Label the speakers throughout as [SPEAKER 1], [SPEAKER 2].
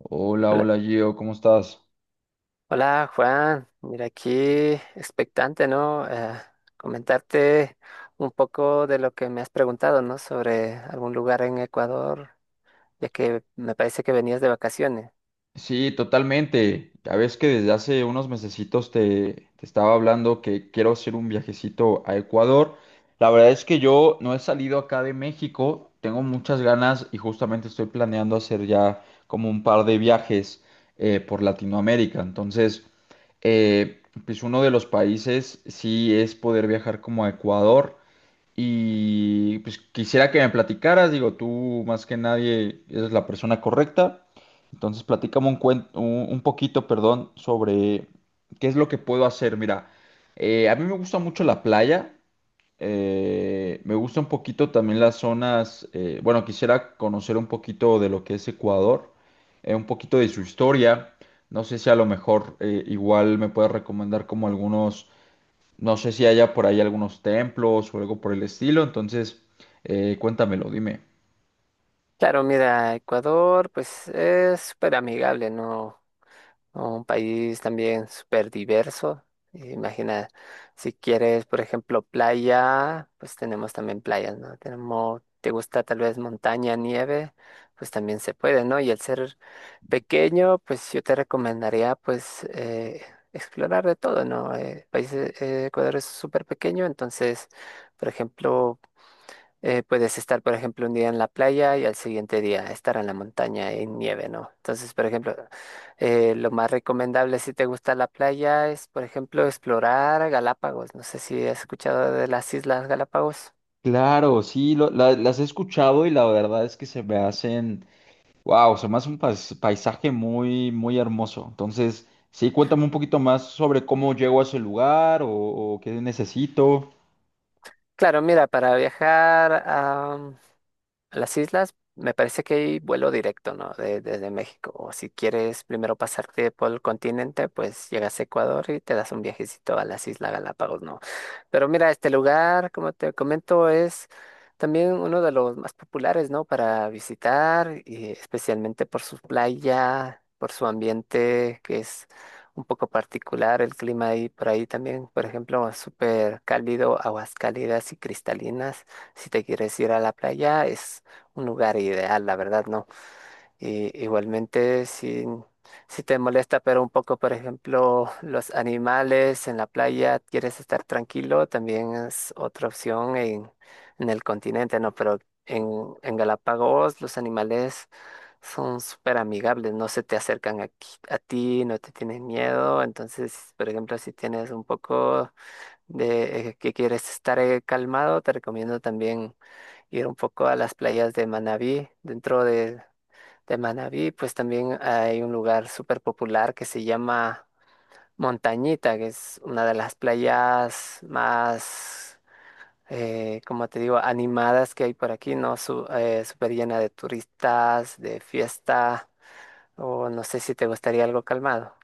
[SPEAKER 1] Hola,
[SPEAKER 2] Hola,
[SPEAKER 1] hola Gio, ¿cómo estás?
[SPEAKER 2] hola, Juan, mira aquí expectante, ¿no? Comentarte un poco de lo que me has preguntado, ¿no? Sobre algún lugar en Ecuador, ya que me parece que venías de vacaciones.
[SPEAKER 1] Sí, totalmente. Ya ves que desde hace unos mesecitos te estaba hablando que quiero hacer un viajecito a Ecuador. La verdad es que yo no he salido acá de México, tengo muchas ganas y justamente estoy planeando hacer ya como un par de viajes por Latinoamérica. Entonces, pues uno de los países sí es poder viajar como a Ecuador. Y pues quisiera que me platicaras, digo, tú más que nadie eres la persona correcta. Entonces, platícame un cuen un poquito, perdón, sobre qué es lo que puedo hacer. Mira, a mí me gusta mucho la playa. Me gusta un poquito también las zonas. Bueno, quisiera conocer un poquito de lo que es Ecuador, un poquito de su historia. No sé si a lo mejor igual me puedes recomendar como algunos, no sé si haya por ahí algunos templos o algo por el estilo. Entonces, cuéntamelo, dime.
[SPEAKER 2] Claro, mira, Ecuador pues es súper amigable, ¿no? Un país también súper diverso. Imagina, si quieres, por ejemplo, playa, pues tenemos también playas, ¿no? Tenemos, ¿te gusta tal vez montaña, nieve? Pues también se puede, ¿no? Y el ser pequeño, pues yo te recomendaría pues explorar de todo, ¿no? Países, Ecuador es súper pequeño, entonces, por ejemplo, puedes estar, por ejemplo, un día en la playa y al siguiente día estar en la montaña en nieve, ¿no? Entonces, por ejemplo, lo más recomendable si te gusta la playa es, por ejemplo, explorar Galápagos. No sé si has escuchado de las Islas Galápagos.
[SPEAKER 1] Claro, sí, las he escuchado y la verdad es que se me hacen, wow, se me hace un paisaje muy, muy hermoso. Entonces, sí, cuéntame un poquito más sobre cómo llego a ese lugar o qué necesito.
[SPEAKER 2] Claro, mira, para viajar a las islas me parece que hay vuelo directo, ¿no? Desde México. O si quieres primero pasarte por el continente, pues llegas a Ecuador y te das un viajecito a las Islas Galápagos, ¿no? Pero mira, este lugar, como te comento, es también uno de los más populares, ¿no? Para visitar, y especialmente por su playa, por su ambiente, que es un poco particular, el clima ahí por ahí también, por ejemplo, súper cálido, aguas cálidas y cristalinas. Si te quieres ir a la playa, es un lugar ideal, la verdad, ¿no? Y igualmente, si te molesta, pero un poco, por ejemplo, los animales en la playa, quieres estar tranquilo, también es otra opción en el continente, ¿no? Pero en Galápagos los animales son súper amigables, no se te acercan aquí, a ti, no te tienen miedo, entonces, por ejemplo, si tienes un poco de que quieres estar calmado, te recomiendo también ir un poco a las playas de Manabí. Dentro de Manabí, pues también hay un lugar súper popular que se llama Montañita, que es una de las playas más, como te digo, animadas que hay por aquí, ¿no? Súper llena de turistas, de fiesta, o no sé si te gustaría algo calmado.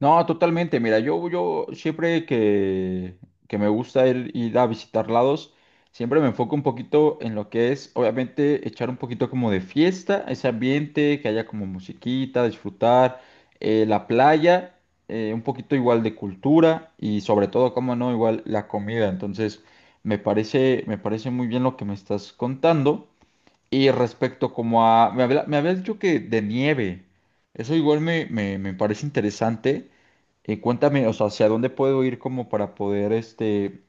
[SPEAKER 1] No, totalmente. Mira, yo siempre que me gusta ir a visitar lados, siempre me enfoco un poquito en lo que es, obviamente, echar un poquito como de fiesta, ese ambiente, que haya como musiquita, disfrutar, la playa, un poquito igual de cultura y sobre todo, como no, igual la comida. Entonces, me parece muy bien lo que me estás contando. Y respecto como a, me habías dicho que de nieve, eso igual me, me parece interesante. Cuéntame, o sea, ¿hacia dónde puedo ir como para poder este,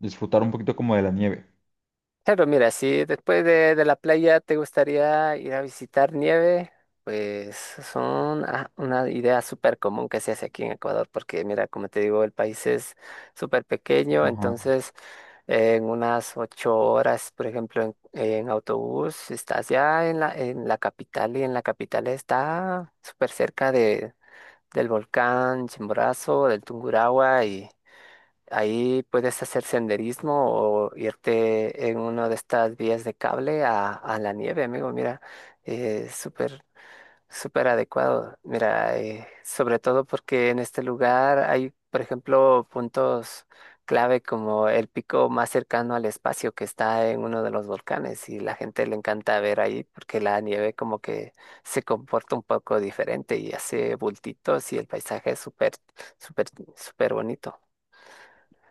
[SPEAKER 1] disfrutar un poquito como de la nieve?
[SPEAKER 2] Claro, mira, si después de la playa te gustaría ir a visitar nieve, pues son una idea súper común que se hace aquí en Ecuador, porque mira, como te digo, el país es súper pequeño,
[SPEAKER 1] Ajá.
[SPEAKER 2] entonces en unas 8 horas, por ejemplo, en autobús, estás ya en la capital y en la capital está súper cerca de, del volcán Chimborazo, del Tungurahua. Ahí puedes hacer senderismo o irte en una de estas vías de cable a la nieve, amigo. Mira, eh, súper, súper adecuado. Mira, sobre todo porque en este lugar hay, por ejemplo, puntos clave como el pico más cercano al espacio que está en uno de los volcanes y la gente le encanta ver ahí porque la nieve como que se comporta un poco diferente y hace bultitos y el paisaje es súper, súper bonito.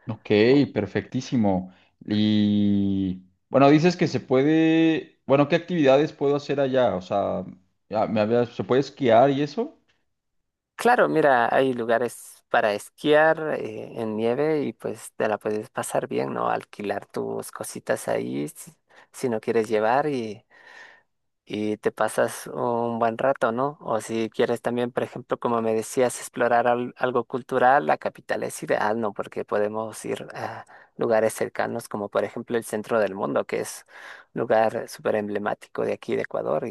[SPEAKER 1] Ok, perfectísimo. Y bueno, dices que se puede, bueno, ¿qué actividades puedo hacer allá? O sea, ¿se puede esquiar y eso?
[SPEAKER 2] Claro, mira, hay lugares para esquiar en nieve y pues te la puedes pasar bien, ¿no? Alquilar tus cositas ahí si no quieres llevar y te pasas un buen rato, ¿no? O si quieres también, por ejemplo, como me decías, explorar algo cultural, la capital es ideal, ¿no? Porque podemos ir a lugares cercanos como por ejemplo el centro del mundo, que es un lugar súper emblemático de aquí de Ecuador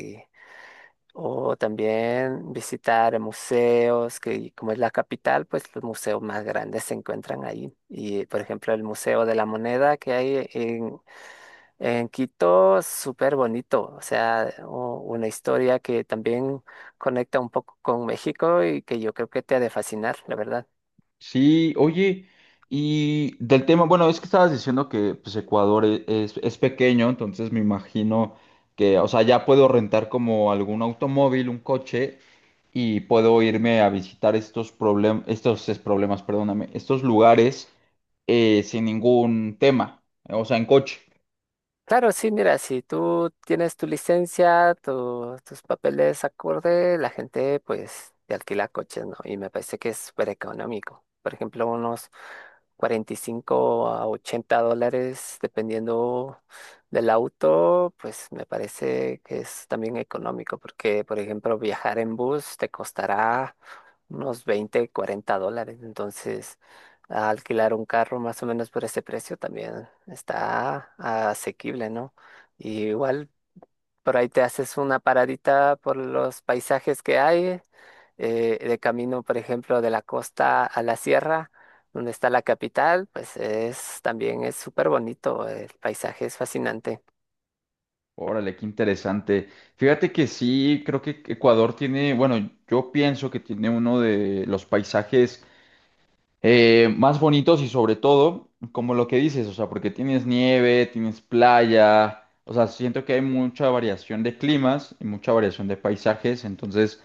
[SPEAKER 2] o también visitar museos, que como es la capital, pues los museos más grandes se encuentran ahí. Y por ejemplo, el Museo de la Moneda que hay en Quito, súper bonito. O sea, una historia que también conecta un poco con México y que yo creo que te ha de fascinar, la verdad.
[SPEAKER 1] Sí, oye, y del tema, bueno, es que estabas diciendo que pues Ecuador es pequeño, entonces me imagino que, o sea, ya puedo rentar como algún automóvil, un coche, y puedo irme a visitar estos problemas, estos es, problemas, perdóname, estos lugares sin ningún tema, o sea, en coche.
[SPEAKER 2] Claro, sí, mira, si tú tienes tu licencia, tus papeles acorde, la gente pues te alquila coches, ¿no? Y me parece que es súper económico. Por ejemplo, unos $45 a $80, dependiendo del auto, pues me parece que es también económico, porque, por ejemplo, viajar en bus te costará unos 20, $40. Entonces alquilar un carro más o menos por ese precio también está asequible, ¿no? Y igual por ahí te haces una paradita por los paisajes que hay, de camino, por ejemplo, de la costa a la sierra, donde está la capital, pues es también es súper bonito, el paisaje es fascinante.
[SPEAKER 1] Órale, qué interesante. Fíjate que sí, creo que Ecuador tiene, bueno, yo pienso que tiene uno de los paisajes más bonitos y sobre todo, como lo que dices, o sea, porque tienes nieve, tienes playa, o sea, siento que hay mucha variación de climas y mucha variación de paisajes, entonces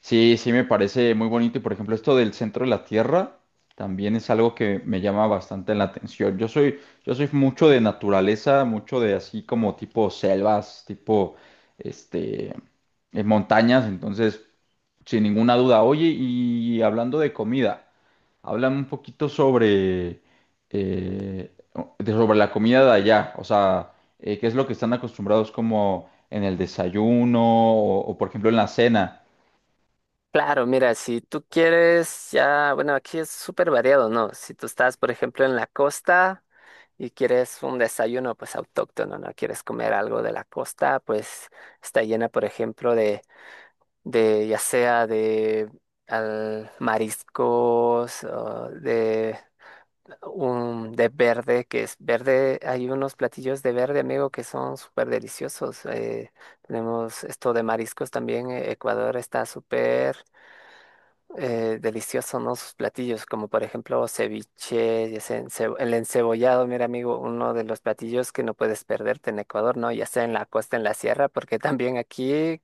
[SPEAKER 1] sí, sí me parece muy bonito y por ejemplo esto del centro de la Tierra también es algo que me llama bastante la atención. Yo soy mucho de naturaleza, mucho de así como tipo selvas, tipo, este, montañas. Entonces, sin ninguna duda. Oye, y hablando de comida. Háblame un poquito sobre, eh, sobre la comida de allá, o sea, qué es lo que están acostumbrados como en el desayuno o, por ejemplo en la cena.
[SPEAKER 2] Claro, mira, si tú quieres ya, bueno, aquí es súper variado, ¿no? Si tú estás, por ejemplo, en la costa, y quieres un desayuno pues autóctono, ¿no? Quieres comer algo de la costa, pues está llena, por ejemplo, de ya sea de mariscos, o de un de verde, que es verde, hay unos platillos de verde, amigo, que son súper deliciosos. Tenemos esto de mariscos también, Ecuador está súper deliciosos, ¿no? Sus platillos, como por ejemplo ceviche, ya sea en el encebollado, mira amigo, uno de los platillos que no puedes perderte en Ecuador, ¿no? Ya sea en la costa, en la sierra, porque también aquí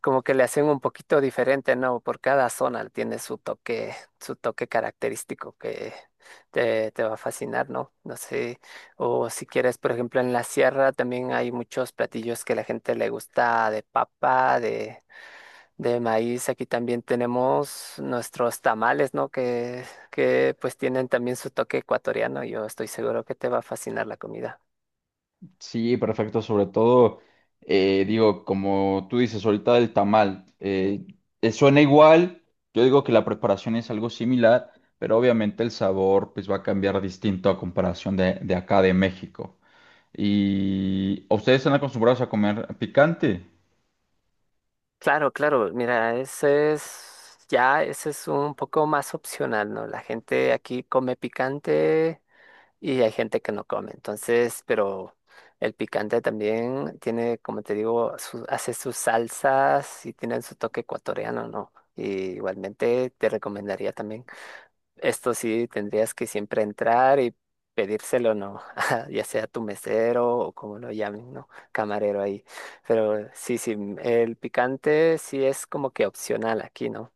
[SPEAKER 2] como que le hacen un poquito diferente, ¿no? Por cada zona tiene su toque característico que te va a fascinar, ¿no? No sé, o si quieres, por ejemplo, en la sierra también hay muchos platillos que la gente le gusta de papa, de maíz, aquí también tenemos nuestros tamales, ¿no? Que pues tienen también su toque ecuatoriano. Yo estoy seguro que te va a fascinar la comida.
[SPEAKER 1] Sí, perfecto, sobre todo, digo, como tú dices ahorita del tamal, suena igual, yo digo que la preparación es algo similar, pero obviamente el sabor pues va a cambiar distinto a comparación de acá de México. ¿Y ustedes están acostumbrados a comer picante?
[SPEAKER 2] Claro, claro, mira, ese es, ya, ese es un poco más opcional, ¿no? La gente aquí come picante y hay gente que no come. Entonces, pero el picante también tiene, como te digo, hace sus salsas y tienen su toque ecuatoriano, ¿no? Y igualmente te recomendaría también. Esto sí tendrías que siempre entrar y pedírselo, ¿no? Ya sea tu mesero o como lo llamen, ¿no? Camarero ahí. Pero sí, sí, el picante sí es como que opcional aquí, ¿no?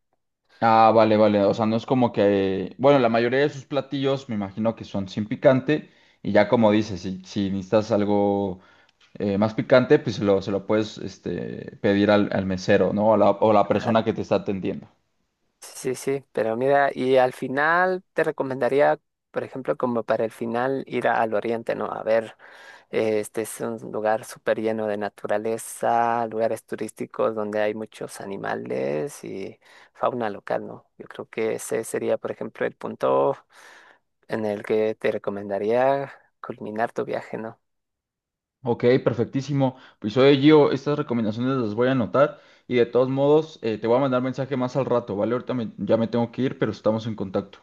[SPEAKER 1] Ah, vale, vale. O sea, no es como que, bueno, la mayoría de sus platillos me imagino que son sin picante y ya como dices, si, si necesitas algo más picante, pues se lo puedes este, pedir al, al mesero, ¿no? O la persona
[SPEAKER 2] Claro.
[SPEAKER 1] que te está atendiendo.
[SPEAKER 2] Sí, sí, sí. Pero mira, y al final te recomendaría, por ejemplo, como para el final ir al oriente, ¿no? A ver. Este es un lugar súper lleno de naturaleza, lugares turísticos donde hay muchos animales y fauna local, ¿no? Yo creo que ese sería, por ejemplo, el punto en el que te recomendaría culminar tu viaje, ¿no?
[SPEAKER 1] Ok, perfectísimo. Pues oye, Gio, estas recomendaciones las voy a anotar y de todos modos te voy a mandar mensaje más al rato, ¿vale? Ya me tengo que ir, pero estamos en contacto.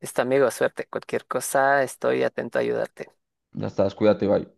[SPEAKER 2] Listo, amigo, suerte. Cualquier cosa, estoy atento a ayudarte.
[SPEAKER 1] Ya estás, cuídate, bye.